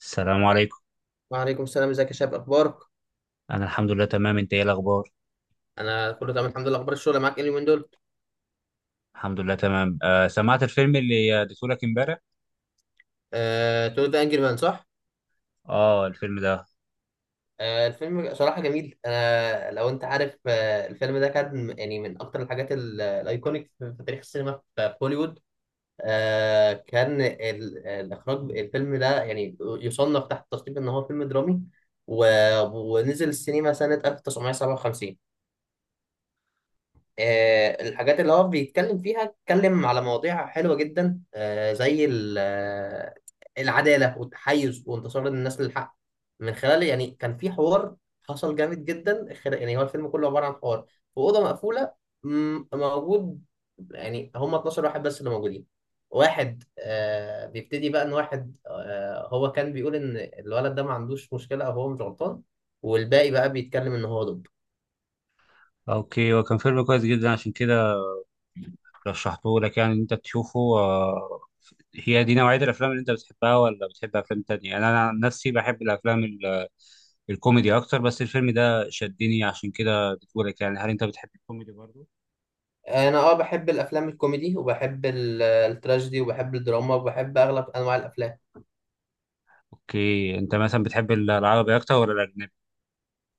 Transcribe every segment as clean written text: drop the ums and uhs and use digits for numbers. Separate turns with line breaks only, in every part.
السلام عليكم.
وعليكم السلام، ازيك يا شباب، اخبارك؟
انا الحمد لله تمام، انت ايه الاخبار؟
انا كله تمام الحمد لله. اخبار الشغل معاك ايه اليومين دول؟
الحمد لله تمام. سمعت الفيلم اللي اديته لك امبارح.
تو ذا انجري مان، صح؟
اه، الفيلم ده.
الفيلم صراحه جميل. انا لو انت عارف، الفيلم ده كان يعني من اكتر الحاجات الايكونيك في تاريخ السينما في هوليوود. كان الاخراج الفيلم ده يعني يصنف تحت تصنيف ان هو فيلم درامي، و- ونزل السينما سنه 1957. الحاجات اللي هو بيتكلم فيها اتكلم على مواضيع حلوة جدا، زي العدالة والتحيز وانتصار الناس للحق من خلال. يعني كان في حوار حصل جامد جدا، يعني هو الفيلم كله عبارة عن حوار في أوضة مقفولة. موجود. يعني هم 12 واحد بس اللي موجودين. واحد بيبتدي بقى، ان واحد هو كان بيقول ان الولد ده ما عندوش مشكلة او هو مش غلطان، والباقي بقى بيتكلم ان هو ضده.
اوكي، هو كان فيلم كويس جدا عشان كده رشحته لك، يعني إن انت تشوفه. هي دي نوعية الافلام اللي انت بتحبها ولا بتحب افلام تانية؟ انا عن نفسي بحب الافلام الكوميدي اكتر، بس الفيلم ده شدني عشان كده اديته لك، يعني هل انت بتحب الكوميدي برضه؟
انا بحب الافلام الكوميدي، وبحب التراجيدي، وبحب الدراما، وبحب اغلب انواع الافلام.
اوكي، انت مثلا بتحب العربي اكتر ولا الاجنبي؟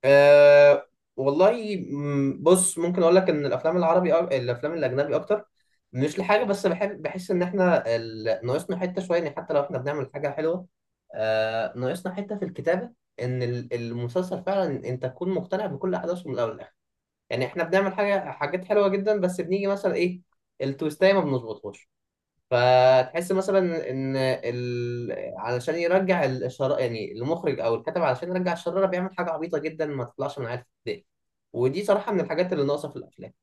أه والله، بص، ممكن اقول لك ان الافلام العربي أو الافلام الاجنبي اكتر. مش لحاجه، بس بحس ان احنا ناقصنا حته شويه. يعني حتى لو احنا بنعمل حاجه حلوه، ناقصنا حته في الكتابه. ان المسلسل فعلا انت تكون مقتنع بكل احداثه من الاول للاخر. يعني احنا بنعمل حاجات حلوه جدا، بس بنيجي مثلا ايه، التويستايه ما بنظبطهاش. فتحس مثلا ان علشان يرجع الشر، يعني المخرج او الكاتب علشان يرجع الشراره بيعمل حاجه عبيطه جدا ما تطلعش من عيال ابتدائي. ودي صراحه من الحاجات اللي ناقصه في الافلام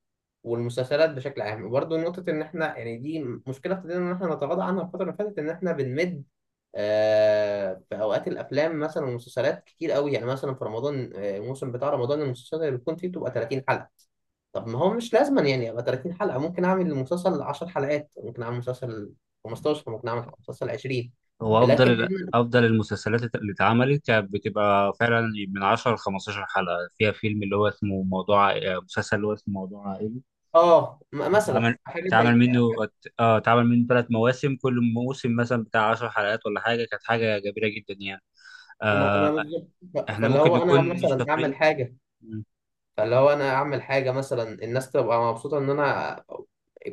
والمسلسلات بشكل عام. وبرده نقطه ان احنا يعني دي مشكله ابتدينا ان احنا نتغاضى عنها الفتره اللي فاتت، ان احنا بنمد. في اوقات الافلام مثلا والمسلسلات كتير قوي. يعني مثلا في رمضان، الموسم بتاع رمضان المسلسلات اللي بتكون فيه بتبقى 30 حلقه. طب ما هو مش لازم يعني ابقى 30 حلقة، ممكن اعمل المسلسل 10 حلقات، ممكن اعمل مسلسل 15، ممكن اعمل مسلسل 20.
هو
لكن
افضل المسلسلات اللي اتعملت كانت بتبقى فعلا من 10 ل 15 حلقه، فيها فيلم اللي هو اسمه موضوع، مسلسل اللي هو اسمه موضوع عائلي. ده
مثلا
اتعمل،
حاجة
اتعمل
زي.
منه اه اتعمل منه ثلاث مواسم، كل موسم مثلا بتاع 10 حلقات ولا حاجه، كانت حاجه جميله جدا يعني.
ما
آه
بالظبط.
احنا
فاللي
ممكن
هو انا
نكون مش
مثلا اعمل
شاطرين.
حاجة.
مم.
فاللي هو انا اعمل حاجة مثلا الناس تبقى مبسوطة، ان انا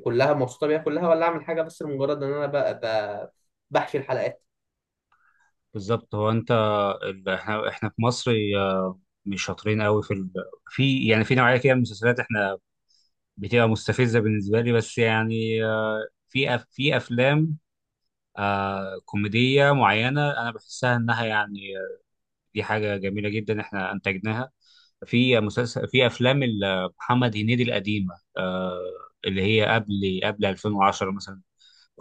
كلها مبسوطة بيها كلها، ولا اعمل حاجة بس لمجرد ان انا ب... بحشي الحلقات.
بالظبط، هو انت، احنا في مصر، آه، مش شاطرين قوي في في يعني في نوعيه كده من المسلسلات، احنا بتبقى مستفزه بالنسبه لي، بس يعني، في افلام كوميديه معينه انا بحسها انها يعني، دي حاجه جميله جدا احنا انتجناها في مسلسل، في افلام محمد هنيدي القديمه، اللي هي قبل 2010 مثلا،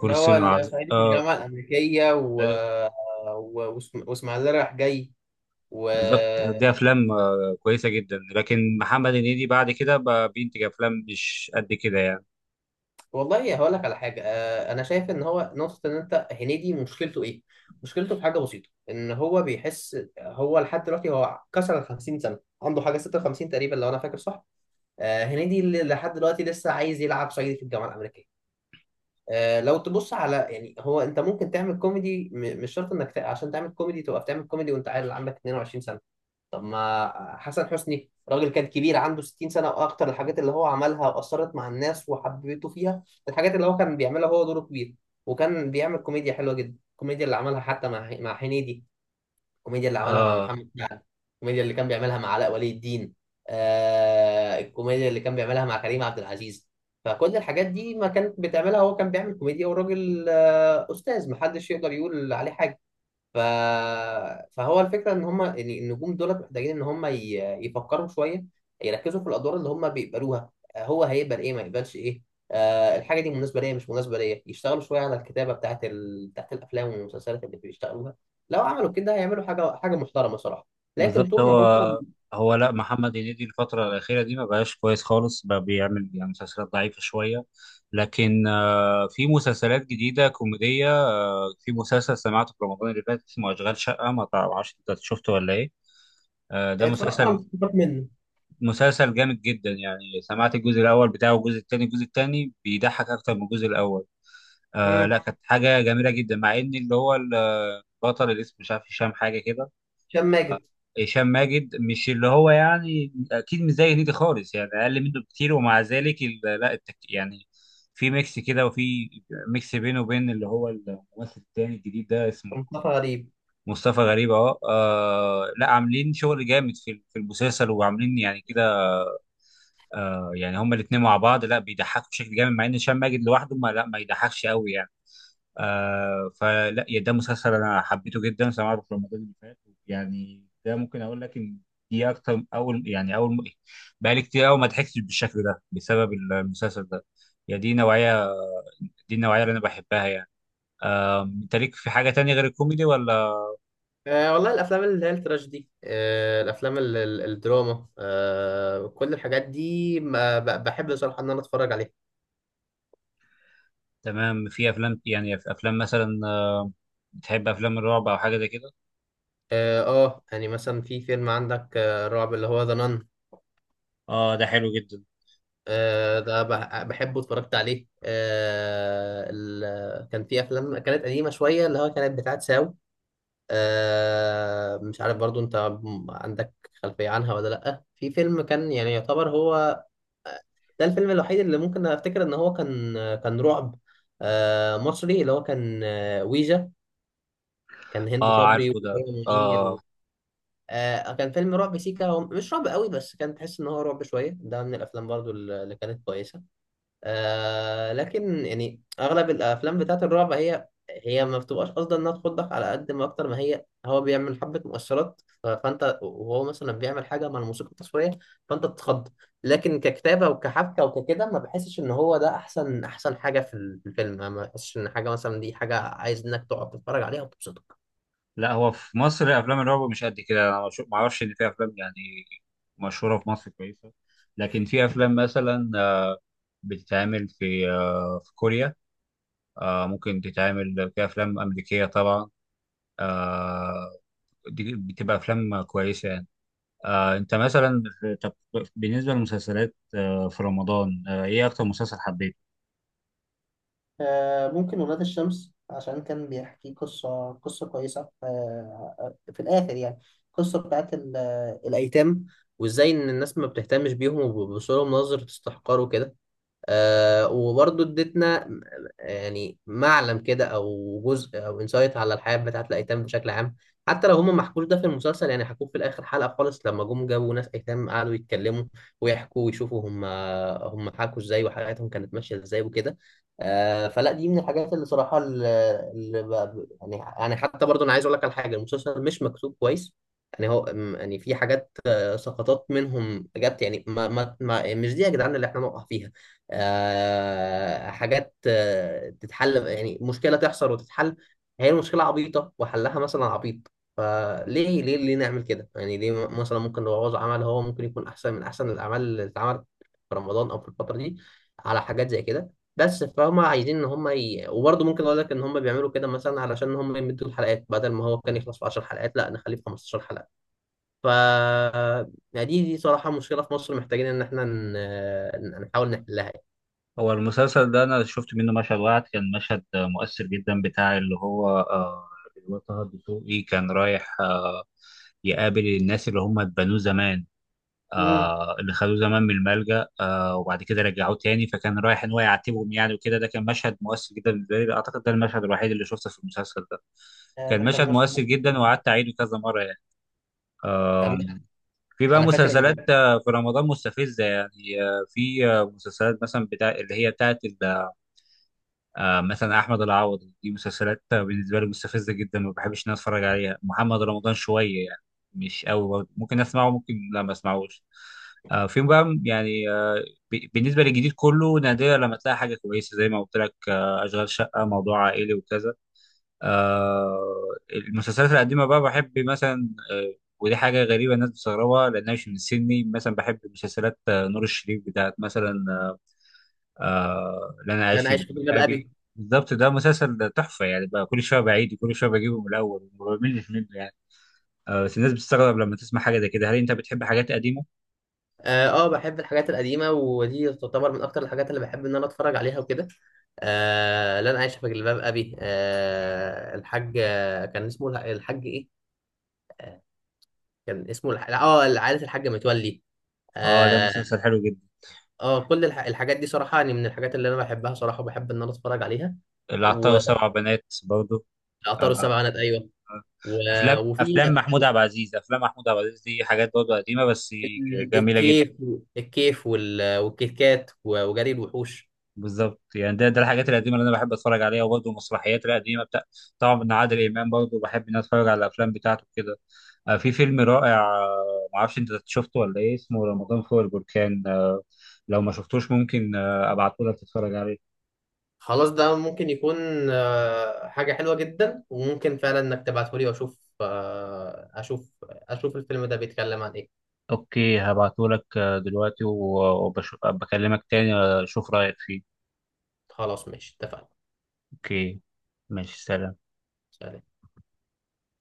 فول
هو
الصين العظيم،
الصعيدي في
اه.
الجامعة الأمريكية، واسماعيلية رايح جاي. و...
بالظبط، دي افلام كويسه جدا، لكن محمد هنيدي بعد كده بقى بينتج افلام مش قد كده يعني.
والله هقول لك على حاجه. انا شايف ان هو نقطه، ان انت هنيدي مشكلته ايه؟ مشكلته في حاجه بسيطه، ان هو بيحس هو لحد دلوقتي، هو كسر ال 50 سنه، عنده حاجه 56 تقريبا لو انا فاكر صح. هنيدي اللي لحد دلوقتي لسه عايز يلعب صعيدي في الجامعه الامريكيه. لو تبص على، يعني هو انت ممكن تعمل كوميدي، مش شرط انك عشان تعمل كوميدي تبقى بتعمل كوميدي وانت عيل عندك 22. طب ما حسن حسني راجل كان كبير، عنده 60 سنة وأكتر. الحاجات اللي هو عملها أثرت مع الناس وحببته فيها. الحاجات اللي هو كان بيعملها هو دوره كبير، وكان بيعمل كوميديا حلوة جدا. الكوميديا اللي عملها حتى مع هنيدي، الكوميديا اللي عملها مع
آه
محمد سعد، الكوميديا اللي كان بيعملها مع علاء ولي الدين، الكوميديا اللي كان بيعملها مع كريم عبد العزيز. فكل الحاجات دي ما كانت بتعملها، هو كان بيعمل كوميديا، والراجل أستاذ، محدش يقدر يقول عليه حاجة. ف... فهو الفكره ان هم النجوم دول محتاجين ان هم يفكروا شويه، يركزوا في الادوار اللي هم بيقبلوها، هو هيقبل ايه، ما يقبلش ايه، الحاجه دي مناسبه ليا، مش مناسبه ليا. يشتغلوا شويه على الكتابه بتاعت بتاعت الافلام والمسلسلات اللي بيشتغلوها. لو عملوا كده هيعملوا حاجه محترمه صراحه. لكن
بالظبط،
طول ما هم...
هو لا، محمد هنيدي الفترة الأخيرة دي ما بقاش كويس خالص، بقى بيعمل يعني مسلسلات ضعيفة شوية. لكن في مسلسلات جديدة كوميدية، في مسلسل سمعته في رمضان اللي فات اسمه أشغال شقة، ما تعرفش أنت شفته ولا إيه؟ ده
اتفرجت على
مسلسل
مستوى منه.
مسلسل جامد جدا يعني. سمعت الجزء الأول بتاعه والجزء التاني، الجزء التاني بيضحك أكتر من الجزء الأول. لا،
مم.
كانت حاجة جميلة جدا مع إن اللي هو البطل اللي اسمه مش عارف هشام حاجة كده.
هشام ماجد.
هشام ماجد مش اللي هو، يعني اكيد مش زي هنيدي خالص يعني، اقل منه بكتير، ومع ذلك لا، التك يعني، في ميكس كده وفي ميكس بينه وبين اللي هو الممثل التاني الجديد ده اسمه
مصطفى غريب.
مصطفى غريب اهو. لا، عاملين شغل جامد في المسلسل وعاملين يعني كده. يعني هما الاتنين مع بعض لا بيضحكوا بشكل جامد، مع ان هشام ماجد لوحده ما لا ما يضحكش قوي يعني. فلا يا، ده مسلسل انا حبيته جدا سمعته في رمضان اللي فات، يعني ده ممكن اقول لك ان دي اكتر اول، بقالي كتير قوي ما ضحكتش بالشكل ده بسبب المسلسل ده. يا دي نوعيه، دي النوعيه اللي انا بحبها يعني. انت ليك في حاجه تانية غير الكوميدي ولا؟
والله الافلام اللي هي التراجيدي، الافلام الدراما، كل الحاجات دي ما ب- بحب بصراحه ان انا اتفرج عليها.
تمام. في افلام، يعني في افلام مثلا، بتحب افلام الرعب او حاجه زي كده؟
اه. يعني مثلا في فيلم عندك، رعب، اللي هو ذا نان.
اه، ده حلو جدا.
ده بحبه، اتفرجت عليه. كان في افلام كانت قديمه شويه اللي هو كانت بتاعت ساو. مش عارف برضو انت عندك خلفية عنها ولا لأ. في فيلم كان يعني يعتبر هو ده الفيلم الوحيد اللي ممكن افتكر ان هو كان رعب، مصري، اللي هو كان ويجا. كان هند
اه،
صبري
عارفه ده،
وتامر منير. و...
اه.
آه، كان فيلم رعب سيكا. هو مش رعب قوي بس كان تحس ان هو رعب شوية، ده من الافلام برضو اللي كانت كويسة. لكن يعني اغلب الافلام بتاعت الرعب هي ما بتبقاش قصدا انها تخضك على قد ما، اكتر ما هي هو بيعمل حبه مؤثرات، فانت وهو مثلا بيعمل حاجه مع الموسيقى التصويريه، فانت بتتخض. لكن ككتابه وكحبكه وككده، ما بحسش ان هو ده احسن احسن حاجه في في الفيلم. ما بحسش ان حاجه مثلا دي حاجه عايز انك تقعد تتفرج عليها وتبسطك.
لا، هو في مصر افلام الرعب مش قد كده، انا ما اعرفش ان في افلام يعني مشهوره في مصر كويسه. لكن في افلام مثلا بتتعمل في في كوريا، ممكن تتعمل في افلام امريكيه طبعا، آه، دي بتبقى افلام كويسه يعني. انت مثلا طب، بالنسبه للمسلسلات في رمضان، ايه اكتر مسلسل حبيته؟
ممكن ولاد الشمس عشان كان بيحكي قصة كويسة، في الآخر يعني. قصة بتاعت الأيتام، وإزاي إن الناس ما بتهتمش بيهم وبيبصوا لهم نظرة استحقار وكده. وبرضه ادتنا يعني معلم كده او جزء او انسايت على الحياه بتاعت الايتام بشكل عام. حتى لو هم ما حكوش ده في المسلسل، يعني حكوه في الاخر حلقه خالص، لما جم جابوا ناس ايتام قعدوا يتكلموا ويحكوا ويشوفوا هم حكوا ازاي وحياتهم كانت ماشيه ازاي وكده. فلا دي من الحاجات اللي صراحه يعني، حتى برضه انا عايز اقول لك على حاجه، المسلسل مش مكتوب كويس. يعني هو يعني في حاجات، سقطات منهم جت يعني. ما مش دي يا جدعان اللي احنا نقع فيها. حاجات تتحل، يعني مشكلة تحصل وتتحل. هي المشكلة عبيطة وحلها مثلا عبيط. فليه ليه ليه نعمل كده؟ يعني ليه مثلا ممكن نبوظ عمل هو ممكن يكون أحسن من أحسن الأعمال اللي اتعملت في رمضان أو في الفترة دي، على حاجات زي كده. بس فهم عايزين إن هم وبرضه ممكن أقول لك إن هم بيعملوا كده مثلا علشان هم يمدوا الحلقات، بدل ما هو كان يخلص في 10 حلقات، لا نخليه في 15 حلقة. ف يعني دي صراحة مشكلة في مصر محتاجين إن إحنا نحاول نحلها.
هو المسلسل ده انا شفت منه مشهد واحد، كان مشهد مؤثر جدا بتاع اللي هو طه الدسوقي، كان رايح يقابل الناس اللي هم اتبنوه زمان،
يعني.
اللي خدوه زمان من الملجأ، وبعد كده رجعوه تاني، فكان رايح ان هو يعاتبهم يعني وكده. ده كان مشهد مؤثر جدا بالنسبه لي، اعتقد ده المشهد الوحيد اللي شفته في المسلسل ده، كان
ما
مشهد
خدناش.
مؤثر جدا وقعدت اعيده كذا مره يعني. آم، في بقى
انا فاكر ان...
مسلسلات في رمضان مستفزه يعني، آه، في آه، مسلسلات مثلا بتاع اللي هي بتاعت مثلا احمد العوضي، دي مسلسلات بالنسبه لي مستفزه جدا، ما بحبش ان أنا اتفرج عليها. محمد رمضان شويه يعني، مش قوي برضه. ممكن اسمعه، ممكن لا، ما اسمعوش. فيهم بقى يعني، بالنسبه للجديد كله نادرا لما تلاقي حاجه كويسه زي ما قلت لك، اشغال شقه، موضوع عائلي وكذا. المسلسلات القديمه بقى بحب مثلا، ودي حاجه غريبه الناس بتستغربها لانها مش من سني، مثلا بحب مسلسلات نور الشريف بتاعت مثلا، لن
إن
أعيش
انا
في
عايش
جلباب
في جلباب
أبي.
ابي.
بالظبط، ده مسلسل تحفة يعني، بقى كل شوية بعيد وكل شوية بجيبه من الأول وما بملش منه يعني. بس الناس بتستغرب لما تسمع حاجة زي كده، هل أنت بتحب حاجات قديمة؟
اه بحب الحاجات القديمه، ودي تعتبر من اكتر الحاجات اللي بحب ان انا اتفرج عليها وكده. لا انا عايش في جلباب ابي. الحاج، كان اسمه الحاج ايه، كان اسمه الح... اه عائله الحاج متولي.
ده
اه.
مسلسل حلو جدا.
كل الحاجات دي صراحه يعني من الحاجات اللي انا بحبها صراحه، وبحب ان انا اتفرج عليها.
العطار وسبع بنات برضه.
وعطار
آه
السبع بنات، ايوه. و...
أفلام،
وفي
محمود عبد العزيز، دي حاجات برضه قديمة بس جميلة جدا.
الكيف. الكيف والكيكات وجري الوحوش.
بالظبط يعني، ده الحاجات القديمه اللي انا بحب اتفرج عليها، وبرضه المسرحيات القديمه بتاع، طبعا من عادل امام، برضه بحب ان أنا اتفرج على الافلام بتاعته كده. في فيلم رائع، معرفش انت شفته ولا ايه، اسمه رمضان فوق البركان، لو ما شفتوش ممكن ابعته لك تتفرج عليه.
خلاص، ده ممكن يكون حاجة حلوة جدا، وممكن فعلا انك تبعته لي واشوف. اشوف الفيلم ده بيتكلم عن ايه.
اوكي، هبعته لك دلوقتي وبكلمك تاني، اشوف رايك فيه.
خلاص ماشي اتفقنا.
اوكي، ماشي، سلام.
سلام.